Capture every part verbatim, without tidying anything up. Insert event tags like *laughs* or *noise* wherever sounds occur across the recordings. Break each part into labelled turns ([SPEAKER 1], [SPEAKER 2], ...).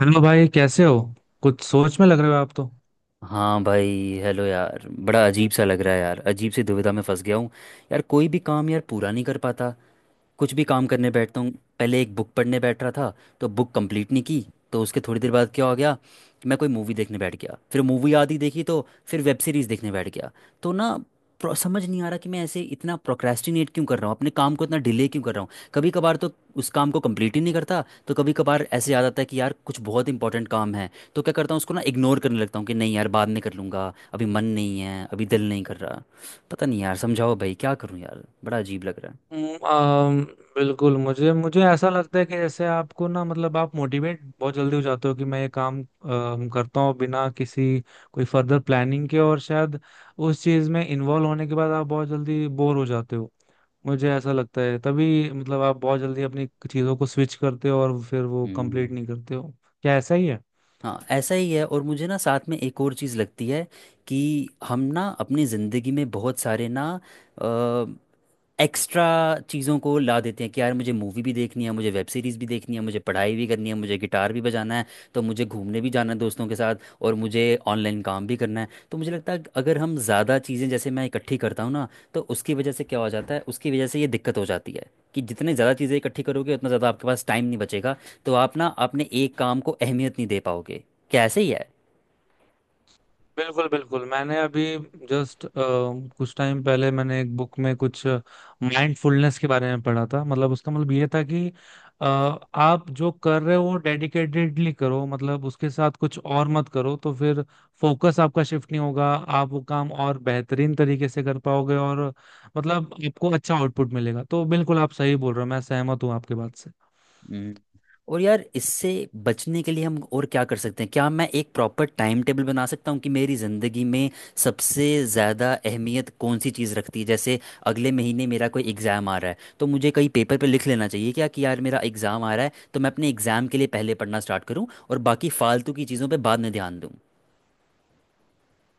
[SPEAKER 1] Hello भाई, कैसे हो? कुछ सोच में लग रहे हो आप तो।
[SPEAKER 2] हाँ भाई। हेलो यार, बड़ा अजीब सा लग रहा है यार, अजीब सी दुविधा में फंस गया हूँ। यार कोई भी काम यार पूरा नहीं कर पाता। कुछ भी काम करने बैठता हूँ, पहले एक बुक पढ़ने बैठ रहा था, तो बुक कंप्लीट नहीं की, तो उसके थोड़ी देर बाद क्या हो गया कि मैं कोई मूवी देखने बैठ गया, फिर मूवी आधी देखी तो फिर वेब सीरीज़ देखने बैठ गया। तो ना प्रो- समझ नहीं आ रहा कि मैं ऐसे इतना प्रोक्रेस्टिनेट क्यों कर रहा हूँ, अपने काम को इतना डिले क्यों कर रहा हूँ। कभी कभार तो उस काम को कंप्लीट ही नहीं करता, तो कभी कभार ऐसे याद आता है कि यार कुछ बहुत इंपॉर्टेंट काम है, तो क्या करता हूँ उसको ना इग्नोर करने लगता हूँ कि नहीं यार बाद में कर लूँगा, अभी मन नहीं है, अभी दिल नहीं कर रहा। पता नहीं यार, समझाओ भाई क्या करूँ यार, बड़ा अजीब लग रहा है।
[SPEAKER 1] हम्म, आम, बिल्कुल मुझे मुझे ऐसा लगता है कि जैसे आपको, ना मतलब, आप मोटिवेट बहुत जल्दी हो जाते हो कि मैं ये काम अम, करता हूँ बिना किसी कोई फर्दर प्लानिंग के, और शायद उस चीज़ में इन्वॉल्व होने के बाद आप बहुत जल्दी बोर हो जाते हो। मुझे ऐसा लगता है, तभी मतलब आप बहुत जल्दी अपनी चीज़ों को स्विच करते हो और फिर वो कंप्लीट
[SPEAKER 2] हम्म।
[SPEAKER 1] नहीं करते हो। क्या ऐसा ही है?
[SPEAKER 2] हाँ ऐसा ही है। और मुझे ना साथ में एक और चीज़ लगती है कि हम ना अपनी ज़िंदगी में बहुत सारे ना अ, एक्स्ट्रा चीज़ों को ला देते हैं कि यार मुझे मूवी भी देखनी है, मुझे वेब सीरीज़ भी देखनी है, मुझे पढ़ाई भी करनी है, मुझे गिटार भी बजाना है, तो मुझे घूमने भी जाना है दोस्तों के साथ, और मुझे ऑनलाइन काम भी करना है। तो मुझे लगता है कि अगर हम ज़्यादा चीज़ें जैसे मैं इकट्ठी करता हूँ ना, तो उसकी वजह से क्या हो जाता है, उसकी वजह से ये दिक्कत हो जाती है कि जितने ज़्यादा चीज़ें इकट्ठी करोगे उतना ज़्यादा आपके पास टाइम नहीं बचेगा, तो आप ना अपने एक काम को अहमियत नहीं दे पाओगे। कैसे ही है।
[SPEAKER 1] बिल्कुल बिल्कुल। मैंने अभी जस्ट कुछ टाइम पहले मैंने एक बुक में कुछ माइंडफुलनेस के बारे में पढ़ा था, मतलब उसका मतलब ये था कि अ, आप जो कर रहे हो डेडिकेटेडली करो, मतलब उसके साथ कुछ और मत करो, तो फिर फोकस आपका शिफ्ट नहीं होगा, आप वो काम और बेहतरीन तरीके से कर पाओगे, और मतलब आपको अच्छा आउटपुट मिलेगा। तो बिल्कुल आप सही बोल रहे हो, मैं सहमत हूँ आपके बात से।
[SPEAKER 2] हम्म। और यार इससे बचने के लिए हम और क्या कर सकते हैं? क्या मैं एक प्रॉपर टाइम टेबल बना सकता हूँ कि मेरी ज़िंदगी में सबसे ज़्यादा अहमियत कौन सी चीज़ रखती है? जैसे अगले महीने मेरा कोई एग्ज़ाम आ रहा है, तो मुझे कहीं पेपर पे लिख लेना चाहिए क्या कि यार मेरा एग्ज़ाम आ रहा है, तो मैं अपने एग्ज़ाम के लिए पहले पढ़ना स्टार्ट करूँ और बाकी फालतू की चीज़ों पर बाद में ध्यान दूँ।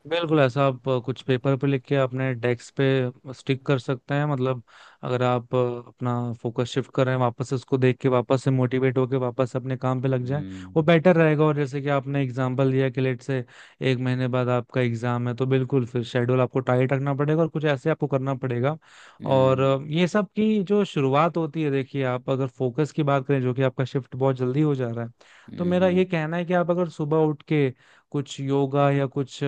[SPEAKER 1] बिल्कुल, ऐसा आप अ, कुछ पेपर पे लिख के अपने डेस्क पे स्टिक कर सकते हैं, मतलब अगर आप अ, अपना फोकस शिफ्ट कर रहे हैं, वापस से उसको देख के वापस से मोटिवेट होके वापस अपने काम पे लग जाएं,
[SPEAKER 2] हम्म।
[SPEAKER 1] वो बेटर रहेगा। और जैसे कि आपने एग्जांपल दिया कि लेट से एक महीने बाद आपका एग्जाम है, तो बिल्कुल फिर शेड्यूल आपको टाइट रखना पड़ेगा और कुछ ऐसे आपको करना पड़ेगा। और
[SPEAKER 2] हम्म।
[SPEAKER 1] अ, ये सब की जो शुरुआत होती है, देखिए आप अगर फोकस की बात करें, जो कि आपका शिफ्ट बहुत जल्दी हो जा रहा है, तो मेरा
[SPEAKER 2] हम्म।
[SPEAKER 1] ये कहना है कि आप अगर सुबह उठ के कुछ योगा या कुछ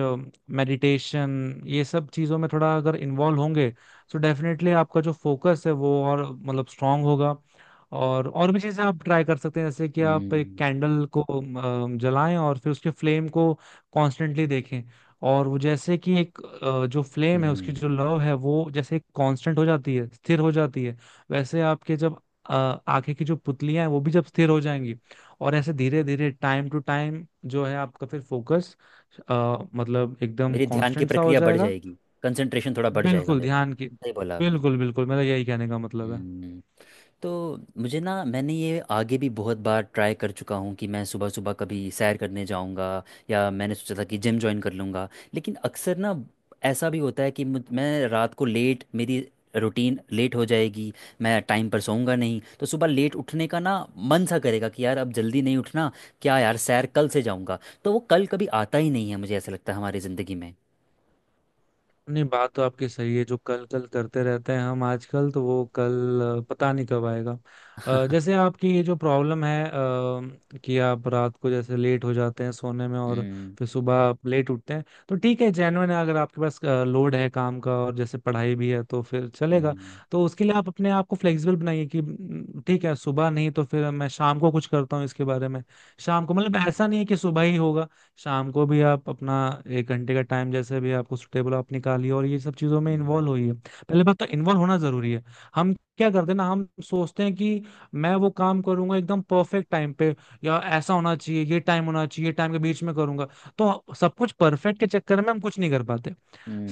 [SPEAKER 1] मेडिटेशन, ये सब चीज़ों में थोड़ा अगर इन्वॉल्व होंगे, तो डेफिनेटली आपका जो फोकस है वो और मतलब स्ट्रांग होगा। और और भी चीज़ें आप ट्राई कर सकते हैं, जैसे कि आप एक
[SPEAKER 2] हम्म।
[SPEAKER 1] कैंडल को अम, जलाएं और फिर उसके फ्लेम को कॉन्स्टेंटली देखें। और वो जैसे कि एक अ, जो फ्लेम है उसकी
[SPEAKER 2] हम्म।
[SPEAKER 1] जो लौ है वो जैसे कांस्टेंट हो जाती है, स्थिर हो जाती है, वैसे आपके जब अ, आंखें की जो पुतलियां हैं वो भी जब स्थिर हो जाएंगी, और ऐसे धीरे धीरे टाइम टू टाइम जो है, आपका फिर फोकस मतलब एकदम
[SPEAKER 2] मेरी ध्यान की
[SPEAKER 1] कांस्टेंट सा हो
[SPEAKER 2] प्रक्रिया बढ़
[SPEAKER 1] जाएगा।
[SPEAKER 2] जाएगी, कंसंट्रेशन थोड़ा बढ़ जाएगा
[SPEAKER 1] बिल्कुल
[SPEAKER 2] मेरा।
[SPEAKER 1] ध्यान की।
[SPEAKER 2] सही बोला आपने।
[SPEAKER 1] बिल्कुल बिल्कुल, मेरा यही कहने का मतलब है।
[SPEAKER 2] हम्म। तो मुझे ना, मैंने ये आगे भी बहुत बार ट्राई कर चुका हूँ कि मैं सुबह सुबह कभी सैर करने जाऊँगा, या मैंने सोचा था कि जिम ज्वाइन कर लूँगा, लेकिन अक्सर ना ऐसा भी होता है कि मुझ- मैं रात को लेट, मेरी रूटीन लेट हो जाएगी, मैं टाइम पर सोऊंगा नहीं, तो सुबह लेट उठने का ना मन सा करेगा कि यार अब जल्दी नहीं उठना, क्या यार सैर कल से जाऊँगा, तो वो कल कभी आता ही नहीं है मुझे ऐसा लगता है हमारी ज़िंदगी में।
[SPEAKER 1] नहीं, बात तो आपकी सही है, जो कल कल करते रहते हैं हम आजकल, तो वो कल अ, पता नहीं कब आएगा। अ, जैसे आपकी ये जो प्रॉब्लम है अ, कि आप रात को जैसे लेट हो जाते हैं सोने में, और फिर
[SPEAKER 2] *laughs*
[SPEAKER 1] सुबह आप लेट उठते हैं, तो ठीक है, जेन्युइन है। अगर आपके पास लोड है काम का और जैसे पढ़ाई भी है तो फिर चलेगा।
[SPEAKER 2] हम्म।
[SPEAKER 1] तो उसके लिए आप अपने आप को फ्लेक्सिबल बनाइए कि "म, ठीक है, सुबह नहीं तो फिर मैं शाम को कुछ करता हूँ इसके बारे में। शाम को मतलब ऐसा नहीं है कि सुबह ही होगा, शाम को भी आप अपना एक घंटे का टाइम जैसे भी आपको सुटेबल आप निकालिए और ये सब चीजों में
[SPEAKER 2] हम्म।
[SPEAKER 1] इन्वॉल्व होइए। पहले बात तो इन्वॉल्व होना जरूरी है। हम क्या करते हैं ना, हम सोचते हैं कि मैं वो काम करूंगा एकदम परफेक्ट टाइम पे, या ऐसा होना चाहिए, ये टाइम होना चाहिए, टाइम के बीच में करूंगा, तो सब कुछ परफेक्ट के चक्कर में हम कुछ नहीं कर पाते।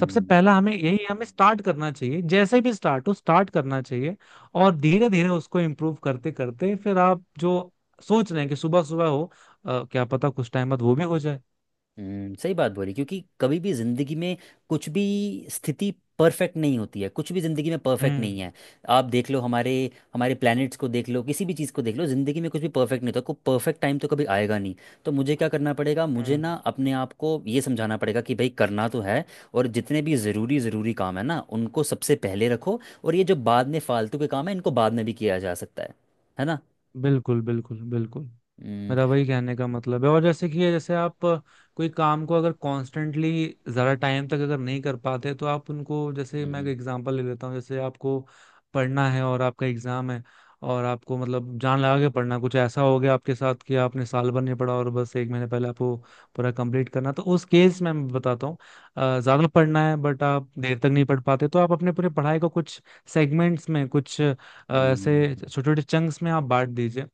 [SPEAKER 1] सबसे पहला हमें यही हमें स्टार्ट करना चाहिए, जैसे भी स्टार्ट हो स्टार्ट करना चाहिए। और धीरे धीरे उसको इम्प्रूव करते करते फिर आप जो सोच रहे हैं कि सुबह सुबह हो, अ, क्या पता कुछ टाइम बाद वो भी हो जाए।
[SPEAKER 2] हम्म। सही बात बोली, क्योंकि कभी भी जिंदगी में कुछ भी स्थिति परफेक्ट नहीं होती है, कुछ भी जिंदगी में परफेक्ट
[SPEAKER 1] हम्म।
[SPEAKER 2] नहीं है। आप देख लो हमारे हमारे प्लैनेट्स को देख लो, किसी भी चीज़ को देख लो, जिंदगी में कुछ भी परफेक्ट नहीं होता, कोई परफेक्ट टाइम तो कभी आएगा नहीं। तो मुझे क्या करना पड़ेगा, मुझे
[SPEAKER 1] हम्म,
[SPEAKER 2] ना अपने आप को ये समझाना पड़ेगा कि भाई करना तो है, और जितने भी ज़रूरी ज़रूरी काम है ना उनको सबसे पहले रखो, और ये जो बाद में फालतू के काम है इनको बाद में भी किया जा सकता है है ना।
[SPEAKER 1] बिल्कुल बिल्कुल बिल्कुल,
[SPEAKER 2] हम्म।
[SPEAKER 1] मेरा वही कहने का मतलब है। और जैसे कि ये, जैसे आप अ, कोई काम को अगर कॉन्स्टेंटली ज़्यादा टाइम तक अगर नहीं कर पाते, तो आप उनको, जैसे मैं एक
[SPEAKER 2] हम्म।
[SPEAKER 1] एग्जांपल ले लेता हूँ। जैसे आपको पढ़ना है और आपका एग्ज़ाम है, और आपको मतलब जान लगा के पढ़ना, कुछ ऐसा हो गया आपके साथ कि आपने साल भर नहीं पढ़ा और बस एक महीने पहले आपको पूरा कंप्लीट करना, तो उस केस में मैं बताता हूँ, अ, ज़्यादा पढ़ना है बट आप देर तक नहीं पढ़ पाते, तो आप अपने पूरे पढ़ाई को कुछ सेगमेंट्स में, कुछ अ, ऐसे
[SPEAKER 2] हम्म।
[SPEAKER 1] छोटे छोटे चंक्स में आप बांट दीजिए।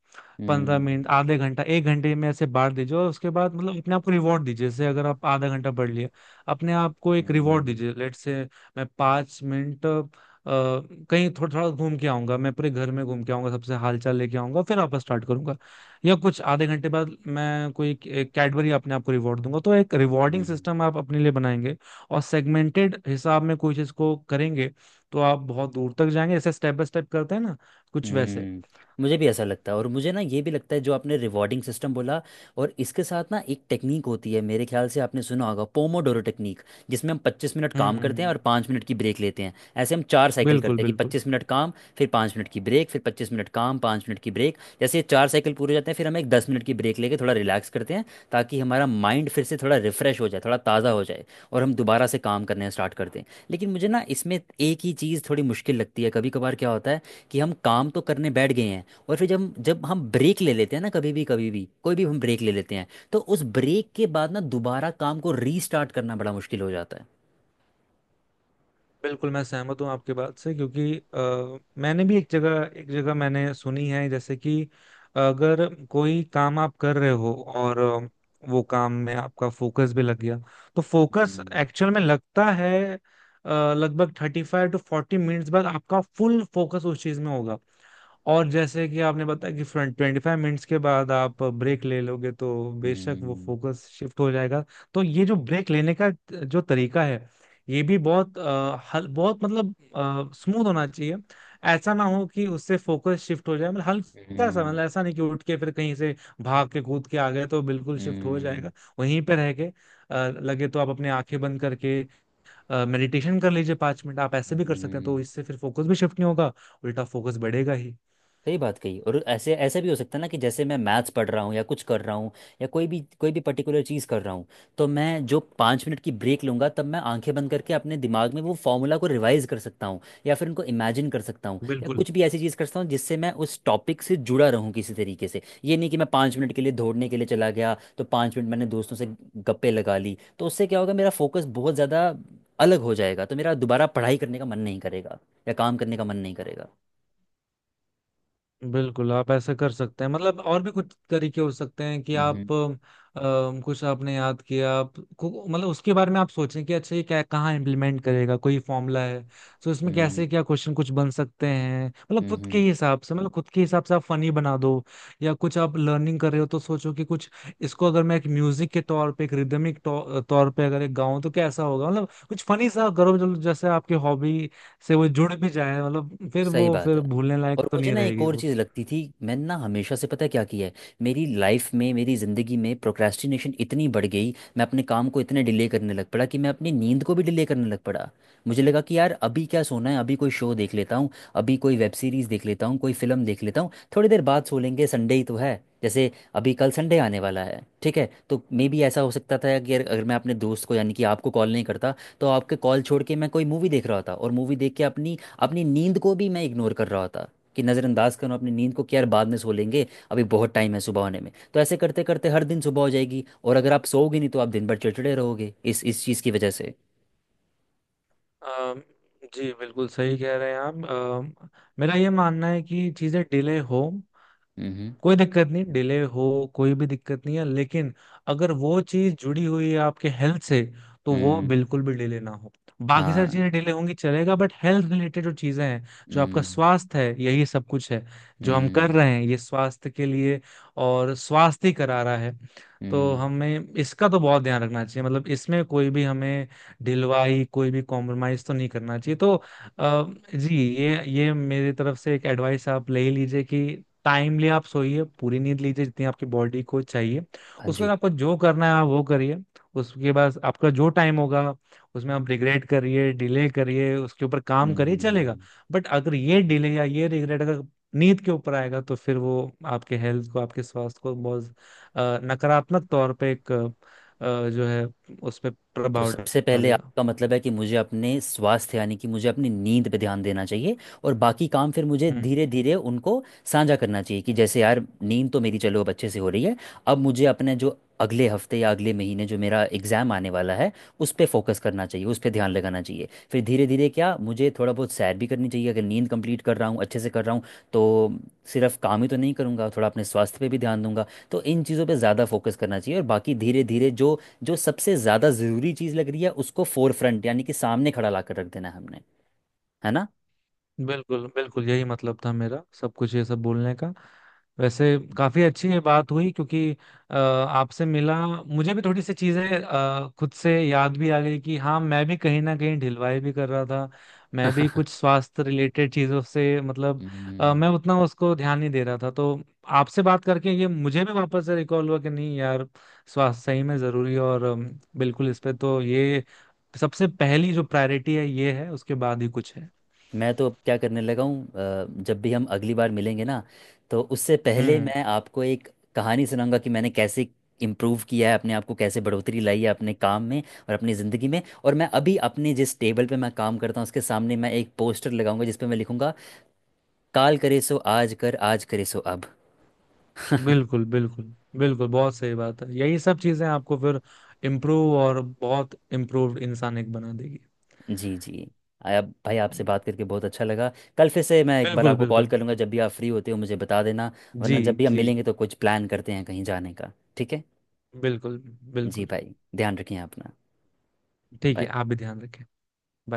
[SPEAKER 1] पंद्रह
[SPEAKER 2] हम्म।
[SPEAKER 1] मिनट, आधे घंटा, एक घंटे में ऐसे बांट दीजिए और उसके बाद मतलब अपने आप को रिवॉर्ड दीजिए। जैसे अगर आप आधा घंटा पढ़ लिए, अपने आप को एक रिवॉर्ड
[SPEAKER 2] हम्म।
[SPEAKER 1] दीजिए, लेट से मैं पाँच मिनट अ, कहीं थोड़ा थोड़ा घूम के आऊंगा, मैं पूरे घर में घूम के आऊंगा, सबसे हालचाल लेके आऊंगा, फिर वापस स्टार्ट करूंगा। या कुछ आधे घंटे बाद मैं कोई कैडबरी अपने आप को रिवॉर्ड दूंगा। तो एक रिवॉर्डिंग
[SPEAKER 2] हम्म।
[SPEAKER 1] सिस्टम आप अपने लिए बनाएंगे और सेगमेंटेड हिसाब में कोई चीज को करेंगे, तो आप बहुत दूर तक जाएंगे, जैसे स्टेप बाय स्टेप करते हैं ना, कुछ वैसे।
[SPEAKER 2] हम्म। मुझे भी ऐसा लगता है, और मुझे ना ये भी लगता है, जो आपने रिवॉर्डिंग सिस्टम बोला, और इसके साथ ना एक टेक्निक होती है, मेरे ख्याल से आपने सुना होगा, पोमोडोरो टेक्निक, जिसमें हम पच्चीस मिनट काम करते हैं
[SPEAKER 1] हम्म,
[SPEAKER 2] और पाँच मिनट की ब्रेक लेते हैं। ऐसे हम चार साइकिल
[SPEAKER 1] बिल्कुल
[SPEAKER 2] करते हैं कि
[SPEAKER 1] बिल्कुल।
[SPEAKER 2] पच्चीस मिनट काम, फिर पाँच मिनट की ब्रेक, फिर पच्चीस मिनट काम, पाँच मिनट की ब्रेक। जैसे ये चार साइकिल पूरे हो जाते हैं, फिर हम एक दस मिनट की ब्रेक लेके थोड़ा रिलैक्स करते हैं, ताकि हमारा माइंड फिर से थोड़ा रिफ्रेश हो जाए, थोड़ा ताज़ा हो जाए, और हम दोबारा से काम करने स्टार्ट करते हैं। लेकिन मुझे ना इसमें एक ही चीज़ थोड़ी मुश्किल लगती है, कभी कभार क्या होता है कि हम काम तो करने बैठ गए हैं, और फिर जब जब हम ब्रेक ले लेते हैं ना, कभी भी कभी भी कोई भी हम ब्रेक ले लेते हैं, तो उस ब्रेक के बाद ना दोबारा काम को रीस्टार्ट करना बड़ा मुश्किल हो जाता है।
[SPEAKER 1] बिल्कुल मैं सहमत हूँ आपके बात से, क्योंकि अ, मैंने भी एक जगह एक जगह मैंने सुनी है जैसे कि अगर कोई काम आप कर रहे हो और अ, वो काम में आपका फोकस भी लग गया, तो फोकस
[SPEAKER 2] हम्म।
[SPEAKER 1] एक्चुअल में लगता है अ, लगभग thirty five to forty minutes बाद आपका फुल फोकस उस चीज में होगा। और जैसे कि आपने बताया कि फ्रंट ट्वेंटी फाइव मिनट्स के बाद आप ब्रेक ले लोगे, तो बेशक वो
[SPEAKER 2] हम्म।
[SPEAKER 1] फोकस शिफ्ट हो जाएगा। तो ये जो ब्रेक लेने का जो तरीका है, ये भी बहुत अ, हल, बहुत मतलब स्मूथ होना चाहिए। ऐसा ना हो कि उससे फोकस शिफ्ट हो जाए, मतलब हल्का सा,
[SPEAKER 2] हम्म।
[SPEAKER 1] मतलब ऐसा नहीं कि उठ के फिर कहीं से भाग के कूद के आ गए, तो बिल्कुल शिफ्ट हो
[SPEAKER 2] हम्म।
[SPEAKER 1] जाएगा। वहीं पे रह के अ, लगे तो आप अपने आंखें बंद करके मेडिटेशन कर लीजिए पांच मिनट, आप ऐसे भी कर सकते हैं, तो
[SPEAKER 2] हम्म।
[SPEAKER 1] इससे फिर फोकस भी शिफ्ट नहीं होगा, उल्टा फोकस बढ़ेगा ही।
[SPEAKER 2] सही बात कही। और ऐसे ऐसे भी हो सकता है ना कि जैसे मैं मैथ्स पढ़ रहा हूँ या कुछ कर रहा हूँ, या कोई भी कोई भी पर्टिकुलर चीज़ कर रहा हूँ, तो मैं जो पाँच मिनट की ब्रेक लूँगा, तब मैं आंखें बंद करके अपने दिमाग में वो फॉर्मूला को रिवाइज कर सकता हूँ, या फिर उनको इमेजिन कर सकता हूँ, या
[SPEAKER 1] बिल्कुल
[SPEAKER 2] कुछ भी ऐसी चीज़ कर सकता हूँ जिससे मैं उस टॉपिक से जुड़ा रहूँ किसी तरीके से। ये नहीं कि मैं पाँच मिनट के लिए दौड़ने के लिए चला गया, तो पाँच मिनट मैंने दोस्तों से गप्पे लगा ली, तो उससे क्या होगा, मेरा फोकस बहुत ज़्यादा अलग हो जाएगा, तो मेरा दोबारा पढ़ाई करने का मन नहीं करेगा, या काम करने का मन नहीं करेगा।
[SPEAKER 1] बिल्कुल, आप ऐसा कर सकते हैं। मतलब और भी कुछ तरीके हो सकते हैं कि
[SPEAKER 2] हम्म।
[SPEAKER 1] आप अम, कुछ आपने याद किया, आप को- मतलब उसके बारे में आप सोचें कि अच्छा ये क्या, कहाँ इम्प्लीमेंट करेगा, कोई फॉर्मूला है तो इसमें
[SPEAKER 2] हम्म।
[SPEAKER 1] कैसे क्या क्वेश्चन कुछ बन सकते हैं, मतलब खुद के
[SPEAKER 2] हम्म।
[SPEAKER 1] हिसाब से, मतलब खुद के हिसाब से आप फनी बना दो। या कुछ आप लर्निंग कर रहे हो, तो सोचो कि कुछ इसको अगर मैं एक म्यूजिक के तौर पे, एक रिदमिक तौर पे अगर एक गाऊं तो कैसा होगा। मतलब कुछ फनी सा करो जो जैसे आपकी हॉबी से वो जुड़ भी जाए, मतलब फिर
[SPEAKER 2] सही
[SPEAKER 1] वो,
[SPEAKER 2] बात
[SPEAKER 1] फिर
[SPEAKER 2] है।
[SPEAKER 1] भूलने लायक
[SPEAKER 2] और
[SPEAKER 1] तो
[SPEAKER 2] मुझे
[SPEAKER 1] नहीं
[SPEAKER 2] ना एक
[SPEAKER 1] रहेगी
[SPEAKER 2] और
[SPEAKER 1] वो।
[SPEAKER 2] चीज़ लगती थी, मैंने ना हमेशा से पता है क्या किया है, मेरी लाइफ में, मेरी ज़िंदगी में प्रोक्रेस्टिनेशन इतनी बढ़ गई, मैं अपने काम को इतने डिले करने लग पड़ा, कि मैं अपनी नींद को भी डिले करने लग पड़ा। मुझे लगा कि यार अभी क्या सोना है, अभी कोई शो देख लेता हूँ, अभी कोई वेब सीरीज़ देख लेता हूँ, कोई फिल्म देख लेता हूँ, थोड़ी देर बाद सो लेंगे, संडे ही तो है जैसे, अभी कल संडे आने वाला है, ठीक है। तो मे बी ऐसा हो सकता था कि अगर अगर मैं अपने दोस्त को यानी कि आपको कॉल नहीं करता, तो आपके कॉल छोड़ के मैं कोई मूवी देख रहा था, और मूवी देख के अपनी अपनी नींद को भी मैं इग्नोर कर रहा था, कि नज़रअंदाज करूँ अपनी नींद को कि यार बाद में सो लेंगे, अभी बहुत टाइम है सुबह होने में। तो ऐसे करते करते हर दिन सुबह हो जाएगी, और अगर आप सोओगे नहीं तो आप दिन भर चिड़चिड़े रहोगे इस इस चीज़ की वजह से।
[SPEAKER 1] अम, जी बिल्कुल सही कह रहे हैं आप। अम, मेरा ये मानना है कि चीज़ें डिले हो,
[SPEAKER 2] हम्म।
[SPEAKER 1] कोई दिक्कत नहीं, डिले हो कोई भी दिक्कत नहीं है, लेकिन अगर वो चीज जुड़ी हुई है आपके हेल्थ से, तो वो
[SPEAKER 2] हम्म।
[SPEAKER 1] बिल्कुल भी डिले ना हो। बाकी सारी
[SPEAKER 2] हाँ।
[SPEAKER 1] चीजें डिले होंगी चलेगा, बट हेल्थ रिलेटेड जो चीजें हैं, जो आपका
[SPEAKER 2] हम्म।
[SPEAKER 1] स्वास्थ्य है, यही सब कुछ है, जो हम कर
[SPEAKER 2] हम्म।
[SPEAKER 1] रहे हैं ये स्वास्थ्य के लिए, और स्वास्थ्य ही करा रहा है। तो
[SPEAKER 2] हम्म।
[SPEAKER 1] हमें इसका तो बहुत ध्यान रखना चाहिए, मतलब इसमें कोई भी हमें ढिलवाई, कोई भी कॉम्प्रोमाइज तो नहीं करना चाहिए। तो अ, जी, ये ये मेरी तरफ से एक एडवाइस आप ले ही लीजिए कि टाइमली आप सोइए, पूरी नींद लीजिए जितनी आपकी बॉडी को चाहिए,
[SPEAKER 2] हाँ
[SPEAKER 1] उसके बाद
[SPEAKER 2] जी।
[SPEAKER 1] आपको जो करना है आप वो करिए। उसके बाद आपका जो टाइम होगा, उसमें आप रिग्रेट करिए, डिले करिए, उसके ऊपर काम करिए, चलेगा।
[SPEAKER 2] हम्म।
[SPEAKER 1] बट अगर ये डिले या ये रिग्रेट अगर नींद के ऊपर आएगा, तो फिर वो आपके हेल्थ को, आपके स्वास्थ्य को बहुत अ, नकारात्मक तौर पे एक अ, जो है उस पर
[SPEAKER 2] तो
[SPEAKER 1] प्रभाव
[SPEAKER 2] सबसे पहले
[SPEAKER 1] डालेगा।
[SPEAKER 2] आपका मतलब है कि मुझे अपने स्वास्थ्य, यानी कि मुझे अपनी नींद पे ध्यान देना चाहिए, और बाकी काम फिर मुझे धीरे धीरे उनको साझा करना चाहिए कि जैसे यार नींद तो मेरी चलो अब अच्छे से हो रही है, अब मुझे अपने जो अगले हफ्ते या अगले महीने जो मेरा एग्ज़ाम आने वाला है, उस पर फोकस करना चाहिए, उस पर ध्यान लगाना चाहिए। फिर धीरे धीरे क्या मुझे थोड़ा बहुत सैर भी करनी चाहिए, अगर नींद कंप्लीट कर रहा हूँ, अच्छे से कर रहा हूँ, तो सिर्फ काम ही तो नहीं करूँगा, थोड़ा अपने स्वास्थ्य पे भी ध्यान दूंगा। तो इन चीज़ों पे ज़्यादा फोकस करना चाहिए, और बाकी धीरे धीरे जो जो सबसे ज्यादा जरूरी चीज लग रही है उसको फोर फ्रंट यानी कि सामने खड़ा ला कर रख देना है हमने, है ना।
[SPEAKER 1] बिल्कुल बिल्कुल, यही मतलब था मेरा सब कुछ ये सब बोलने का। वैसे काफी अच्छी ये बात हुई, क्योंकि अ, आपसे मिला, मुझे भी थोड़ी सी चीजें अ, खुद से याद भी आ गई कि हाँ, मैं भी कहीं ना कहीं ढिलवाई भी कर रहा था, मैं भी
[SPEAKER 2] *laughs*
[SPEAKER 1] कुछ स्वास्थ्य रिलेटेड चीजों से, मतलब अ,
[SPEAKER 2] हम्म।
[SPEAKER 1] मैं उतना उसको ध्यान नहीं दे रहा था। तो आपसे बात करके ये मुझे भी वापस से रिकॉल हुआ कि नहीं यार, स्वास्थ्य सही में जरूरी है। और अम, बिल्कुल, इस पे तो, ये सबसे पहली जो प्रायोरिटी है ये है, उसके बाद ही कुछ है।
[SPEAKER 2] मैं तो अब क्या करने लगा हूँ, अ, जब भी हम अगली बार मिलेंगे ना, तो उससे पहले
[SPEAKER 1] हम्म,
[SPEAKER 2] मैं आपको एक कहानी सुनाऊंगा कि मैंने कैसे इम्प्रूव किया है अपने आप को, कैसे बढ़ोतरी लाई है अपने काम में और अपनी ज़िंदगी में। और मैं अभी अपने जिस टेबल पे मैं काम करता हूँ, उसके सामने मैं एक पोस्टर लगाऊंगा, जिस पे मैं लिखूंगा, काल करे सो आज कर, आज करे सो अब।
[SPEAKER 1] बिल्कुल बिल्कुल। बिल्कुल बहुत सही बात है, यही सब चीजें आपको फिर इम्प्रूव और बहुत इम्प्रूव्ड इंसान एक बना देगी।
[SPEAKER 2] जी जी। आया भाई, आपसे बात करके बहुत अच्छा लगा। कल फिर से मैं एक बार
[SPEAKER 1] बिल्कुल
[SPEAKER 2] आपको कॉल
[SPEAKER 1] बिल्कुल।
[SPEAKER 2] करूंगा, जब भी आप फ्री होते हो मुझे बता देना, वरना
[SPEAKER 1] जी
[SPEAKER 2] जब भी हम
[SPEAKER 1] जी,
[SPEAKER 2] मिलेंगे तो कुछ प्लान करते हैं कहीं जाने का, ठीक है।
[SPEAKER 1] बिल्कुल
[SPEAKER 2] जी
[SPEAKER 1] बिल्कुल।
[SPEAKER 2] भाई, ध्यान रखिए अपना।
[SPEAKER 1] ठीक है,
[SPEAKER 2] बाय।
[SPEAKER 1] आप भी ध्यान रखें। Bye.